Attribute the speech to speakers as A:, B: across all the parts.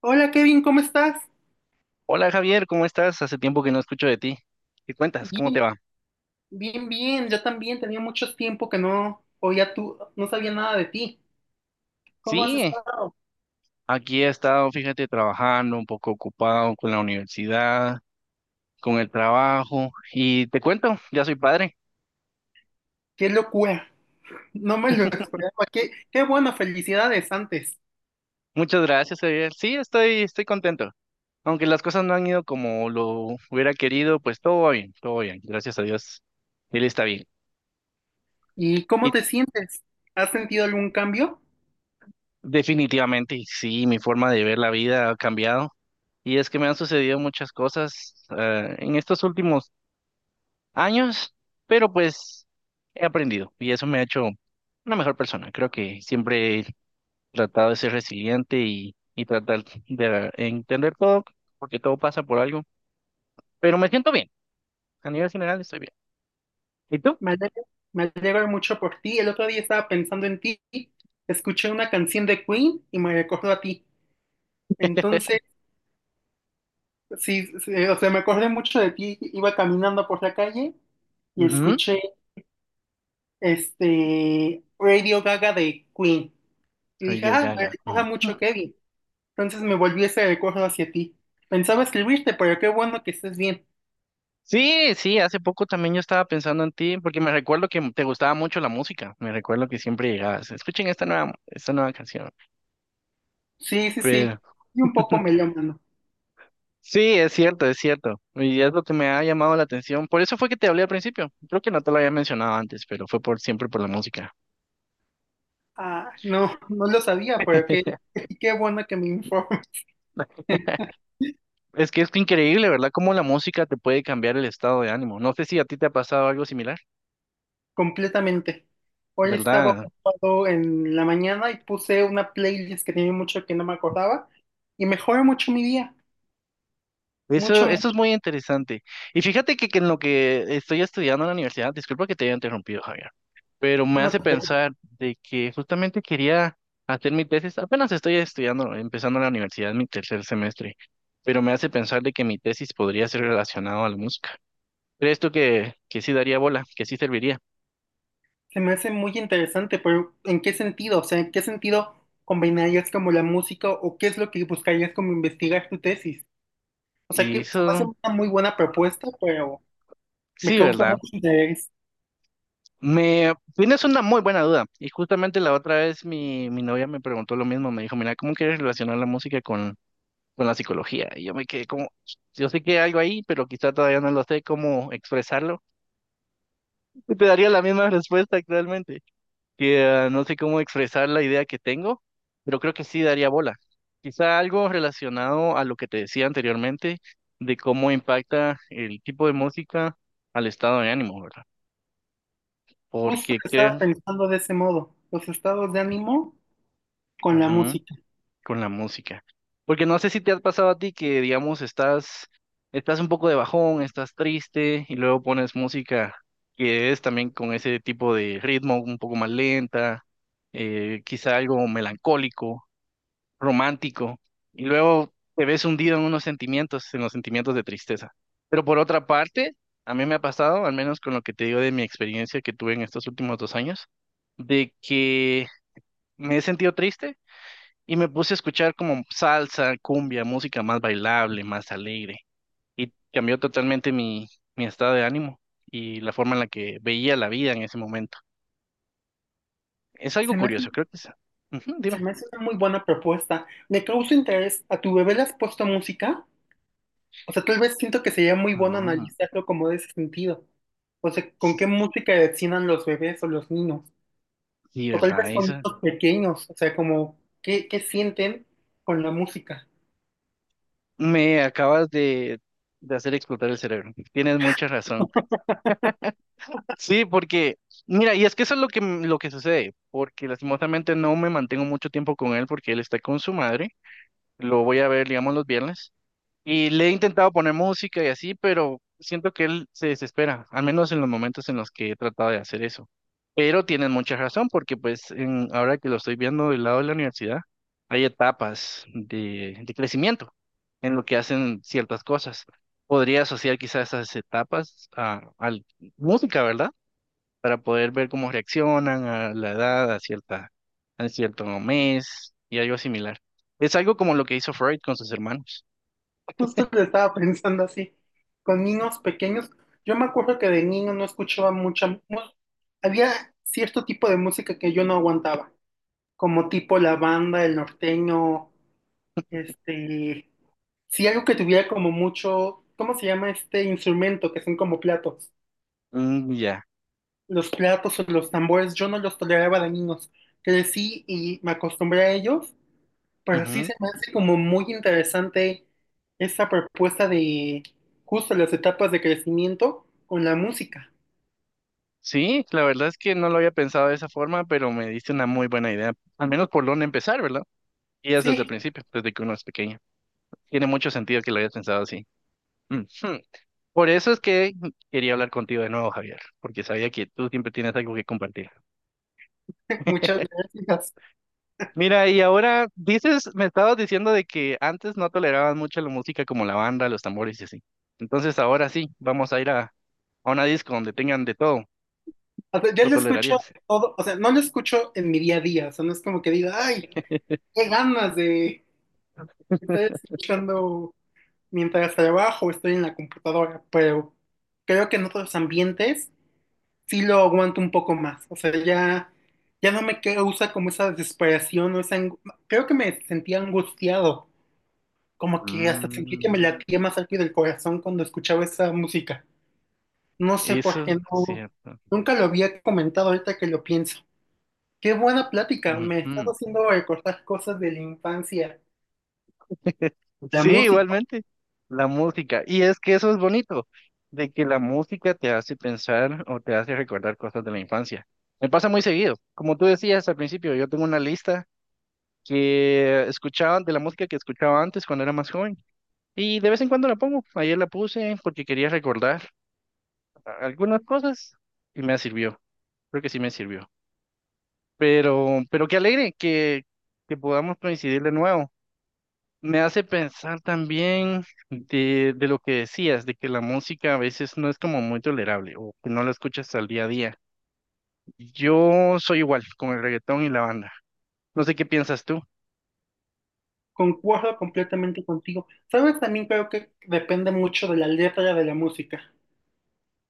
A: Hola Kevin, ¿cómo estás?
B: Hola Javier, ¿cómo estás? Hace tiempo que no escucho de ti. ¿Qué cuentas? ¿Cómo te
A: Bien,
B: va?
A: bien. Yo también tenía mucho tiempo que no oía tú, no sabía nada de ti. ¿Cómo has
B: Sí,
A: estado?
B: aquí he estado, fíjate, trabajando, un poco ocupado con la universidad, con el trabajo y te cuento, ya soy padre.
A: Qué locura. No me lo esperaba. Qué, qué bueno, felicidades antes.
B: Muchas gracias, Javier. Sí, estoy contento. Aunque las cosas no han ido como lo hubiera querido, pues todo va bien, todo va bien. Gracias a Dios, él está bien.
A: ¿Y cómo
B: Y
A: te sientes? ¿Has sentido algún cambio?
B: definitivamente, sí, mi forma de ver la vida ha cambiado. Y es que me han sucedido muchas cosas en estos últimos años, pero pues he aprendido y eso me ha hecho una mejor persona. Creo que siempre he tratado de ser resiliente y tratar de entender todo, porque todo pasa por algo, pero me siento bien. A nivel general estoy bien. ¿Y tú?
A: Me alegro, me alegro mucho por ti. El otro día estaba pensando en ti. Escuché una canción de Queen y me recordó a ti. Entonces, sí, sí, o sea, me acordé mucho de ti. Iba caminando por la calle y
B: Ujú.
A: escuché Radio Gaga de Queen. Y dije,
B: Radio
A: ah, me
B: Gaga.
A: recuerda
B: Mm.
A: mucho Kevin. Entonces me volví ese recuerdo hacia ti. Pensaba escribirte, pero qué bueno que estés bien.
B: Sí, sí, hace poco también yo estaba pensando en ti, porque me recuerdo que te gustaba mucho la música. Me recuerdo que siempre llegabas. Escuchen esta nueva canción.
A: Sí, sí, sí.
B: Pero
A: Y un poco melómano.
B: sí, es cierto, es cierto. Y es lo que me ha llamado la atención. Por eso fue que te hablé al principio. Creo que no te lo había mencionado antes, pero fue por siempre por la música.
A: Ah, no, no lo sabía, pero qué, qué bueno que me informe
B: Es que es increíble, ¿verdad? Cómo la música te puede cambiar el estado de ánimo. No sé si a ti te ha pasado algo similar,
A: completamente. Hoy estaba
B: ¿verdad?
A: ocupado en la mañana y puse una playlist que tenía mucho que no me acordaba y mejoró mucho mi día.
B: Eso,
A: Mucho,
B: eso es
A: mucho.
B: muy interesante. Y fíjate que en lo que estoy estudiando en la universidad, disculpa que te haya interrumpido, Javier. Pero me
A: No.
B: hace pensar de que justamente quería hacer mi tesis, apenas estoy estudiando, empezando la universidad, mi tercer semestre, pero me hace pensar de que mi tesis podría ser relacionado a la música. ¿Crees tú que sí daría bola, que sí serviría?
A: Se me hace muy interesante, pero ¿en qué sentido? O sea, ¿en qué sentido combinarías como la música o qué es lo que buscarías como investigar tu tesis? O sea, que
B: Y
A: se me hace
B: eso,
A: una muy buena propuesta, pero me
B: sí,
A: causa
B: ¿verdad?
A: mucho interés.
B: Me tienes una muy buena duda. Y justamente la otra vez mi novia me preguntó lo mismo, me dijo, mira, ¿cómo quieres relacionar la música con la psicología? Y yo me quedé como, yo sé que hay algo ahí, pero quizá todavía no lo sé cómo expresarlo. Y te daría la misma respuesta actualmente, que ah, no sé cómo expresar la idea que tengo, pero creo que sí daría bola. Quizá algo relacionado a lo que te decía anteriormente, de cómo impacta el tipo de música al estado de ánimo, ¿verdad?
A: Justo
B: Porque
A: estaba
B: creo,
A: pensando de ese modo, los estados de ánimo con la
B: ujú,
A: música.
B: con la música. Porque no sé si te ha pasado a ti que, digamos, estás un poco de bajón, estás triste y luego pones música que es también con ese tipo de ritmo un poco más lenta, quizá algo melancólico, romántico, y luego te ves hundido en unos sentimientos, en los sentimientos de tristeza. Pero por otra parte, a mí me ha pasado, al menos con lo que te digo de mi experiencia que tuve en estos últimos dos años, de que me he sentido triste y me puse a escuchar como salsa, cumbia, música más bailable, más alegre. Y cambió totalmente mi estado de ánimo y la forma en la que veía la vida en ese momento. Es
A: Se
B: algo
A: me hace,
B: curioso, creo que es. Ujú, dime.
A: se me hace una muy buena propuesta. Me causa interés. ¿A tu bebé le has puesto música? O sea, tal vez siento que sería muy bueno
B: Ah,
A: analizarlo como de ese sentido. O sea, ¿con
B: sí,
A: qué música destinan los bebés o los niños?
B: sí,
A: O tal
B: ¿verdad,
A: vez con
B: Isa?
A: niños pequeños, o sea, como, ¿qué, qué sienten con la música?
B: Me acabas de, de hacer explotar el cerebro. Tienes mucha razón. Sí, porque, mira, y es que eso es lo que sucede, porque lastimosamente no me mantengo mucho tiempo con él porque él está con su madre. Lo voy a ver, digamos, los viernes. Y le he intentado poner música y así, pero siento que él se desespera, al menos en los momentos en los que he tratado de hacer eso. Pero tienen mucha razón, porque ahora que lo estoy viendo del lado de la universidad, hay etapas de crecimiento en lo que hacen ciertas cosas. Podría asociar quizás esas etapas a música, ¿verdad? Para poder ver cómo reaccionan a la edad, a cierto mes y algo similar. Es algo como lo que hizo Freud con sus hermanos.
A: Justo lo estaba pensando así, con niños pequeños. Yo me acuerdo que de niño no escuchaba había cierto tipo de música que yo no aguantaba, como tipo la banda, el norteño, este, sí algo que tuviera como mucho, ¿cómo se llama este instrumento que son como platos?
B: Mm, ya.
A: Los platos o los tambores, yo no los toleraba de niños. Crecí y me acostumbré a ellos. Pero sí
B: Ujú.
A: se me hace como muy interesante esa propuesta de justo las etapas de crecimiento con la música.
B: Sí, la verdad es que no lo había pensado de esa forma, pero me diste una muy buena idea. Al menos por dónde empezar, ¿verdad? Y es desde el
A: Sí,
B: principio, desde que uno es pequeño. Tiene mucho sentido que lo hayas pensado así. Ujú. Por eso es que quería hablar contigo de nuevo, Javier, porque sabía que tú siempre tienes algo que compartir.
A: muchas gracias.
B: Mira, y ahora dices, me estabas diciendo de que antes no tolerabas mucho la música como la banda, los tambores y así. Entonces ahora sí, vamos a ir a una disco donde tengan de todo.
A: O sea, yo
B: ¿Lo
A: lo escucho
B: tolerarías?
A: todo, o sea, no lo escucho en mi día a día, o sea, no es como que diga, ay, qué ganas de estar escuchando mientras trabajo, estoy en la computadora, pero creo que en otros ambientes sí lo aguanto un poco más, o sea, ya no me causa como esa desesperación o esa, ang- creo que me sentía angustiado. Como que hasta sentí que me
B: Mm,
A: latía más rápido el corazón cuando escuchaba esa música. No sé por qué
B: eso, sí.
A: no. Nunca lo había comentado ahorita que lo pienso. Qué buena plática. Me estás
B: Ujú.
A: haciendo recordar cosas de la infancia. La
B: Sí,
A: música.
B: igualmente, la música. Y es que eso es bonito, de que la música te hace pensar o te hace recordar cosas de la infancia. Me pasa muy seguido. Como tú decías al principio, yo tengo una lista que escuchaba de la música que escuchaba antes cuando era más joven. Y de vez en cuando la pongo. Ayer la puse porque quería recordar algunas cosas y me sirvió. Creo que sí me sirvió. Pero qué alegre que podamos coincidir de nuevo. Me hace pensar también de lo que decías, de que la música a veces no es como muy tolerable o que no la escuchas al día a día. Yo soy igual con el reggaetón y la banda. No sé qué piensas tú
A: Concuerdo completamente contigo. Sabes, también creo que depende mucho de la letra de la música.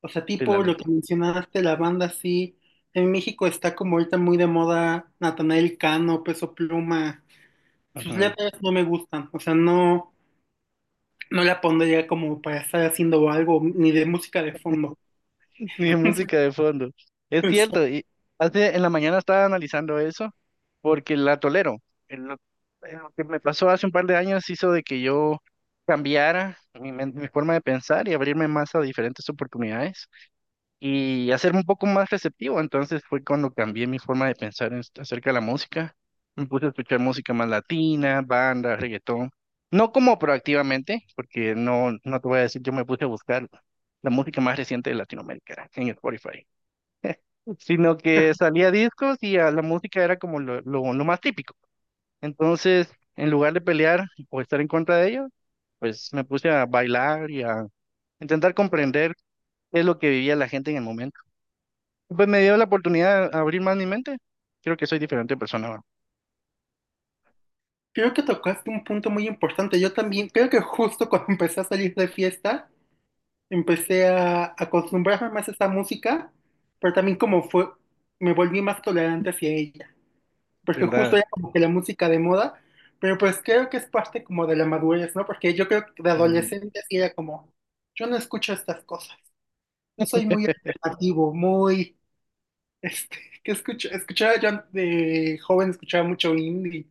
A: O sea,
B: de la
A: tipo lo que
B: letra.
A: mencionaste, la banda sí. En México está como ahorita muy de moda Natanael Cano, Peso Pluma. Sus
B: Ujú.
A: letras no me gustan. O sea, no, no la pondría como para estar haciendo algo, ni de música de fondo.
B: Ni de música de fondo. Es
A: Entonces, o
B: cierto,
A: sea,
B: y hace, en la mañana estaba analizando eso porque la tolero. En lo, en lo que me pasó hace un par de años hizo de que yo cambiara mi forma de pensar y abrirme más a diferentes oportunidades. Y hacerme un poco más receptivo. Entonces fue cuando cambié mi forma de pensar en acerca de la música. Me puse a escuchar música más latina, banda, reggaetón. No como proactivamente, porque no, no te voy a decir, yo me puse a buscar la música más reciente de Latinoamérica en Spotify, sino que salía discos y a la música era como lo más típico. Entonces, en lugar de pelear o estar en contra de ello, pues me puse a bailar y a intentar comprender qué es lo que vivía la gente en el momento. Pues me dio la oportunidad de abrir más mi mente. Creo que soy diferente persona,
A: creo que tocaste un punto muy importante. Yo también, creo que justo cuando empecé a salir de fiesta, empecé a acostumbrarme más a esa música, pero también como fue, me volví más tolerante hacia ella, porque justo
B: ¿verdad?
A: era como que la música de moda, pero pues creo que es parte como de la madurez, ¿no? Porque yo creo que de
B: Ah,
A: adolescente sí era como, yo no escucho estas cosas, yo soy muy alternativo, muy. Este, escuchaba yo de joven, escuchaba mucho indie,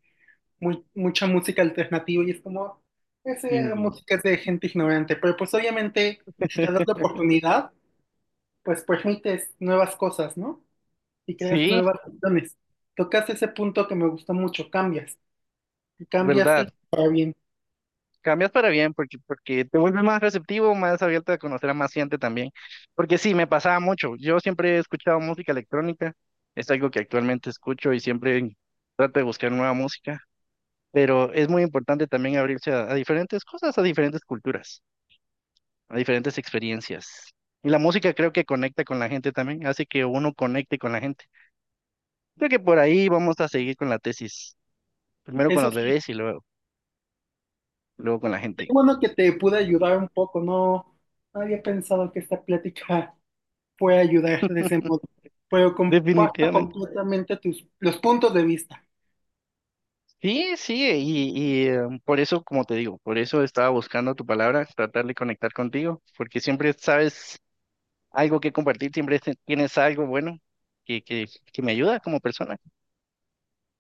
A: mucha música alternativa y es como, esa
B: Indy.
A: música es de gente ignorante, pero pues obviamente si te das la oportunidad, pues permites nuevas cosas, ¿no? Y creas
B: Sí,
A: nuevas opciones. Tocas ese punto que me gustó mucho, cambias, y cambias que
B: ¿verdad?
A: para bien.
B: Cambias para bien porque te vuelves más receptivo, más abierta a conocer a más gente también. Porque sí, me pasaba mucho. Yo siempre he escuchado música electrónica. Es algo que actualmente escucho y siempre trato de buscar nueva música. Pero es muy importante también abrirse a diferentes cosas, a diferentes culturas, a diferentes experiencias. Y la música creo que conecta con la gente también, hace que uno conecte con la gente. Creo que por ahí vamos a seguir con la tesis. Primero con
A: Eso
B: los
A: sí,
B: bebés y luego, luego con la
A: es
B: gente.
A: bueno que te pude ayudar un poco, no, no había pensado que esta plática puede ayudar de ese modo. Pero comparto
B: Definitivamente.
A: completamente tus, los puntos de vista.
B: Sí, sí, por eso, como te digo, por eso estaba buscando tu palabra, tratar de conectar contigo, porque siempre sabes algo que compartir, siempre tienes algo bueno que, que, que me ayuda como persona.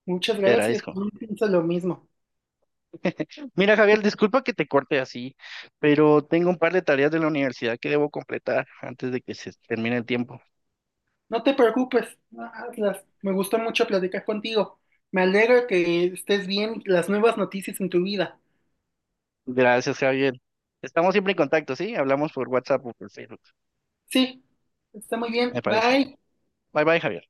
A: Muchas
B: Te
A: gracias,
B: agradezco.
A: yo pienso lo mismo.
B: Mira, Javier, disculpa que te corte así, pero tengo un par de tareas de la universidad que debo completar antes de que se termine el tiempo.
A: No te preocupes, hazlas. Me gustó mucho platicar contigo. Me alegra que estés bien, las nuevas noticias en tu vida.
B: Gracias, Javier. Estamos siempre en contacto, ¿sí? Hablamos por WhatsApp o por Facebook,
A: Sí, está muy
B: me
A: bien.
B: parece.
A: Bye.
B: Bye bye, Javier.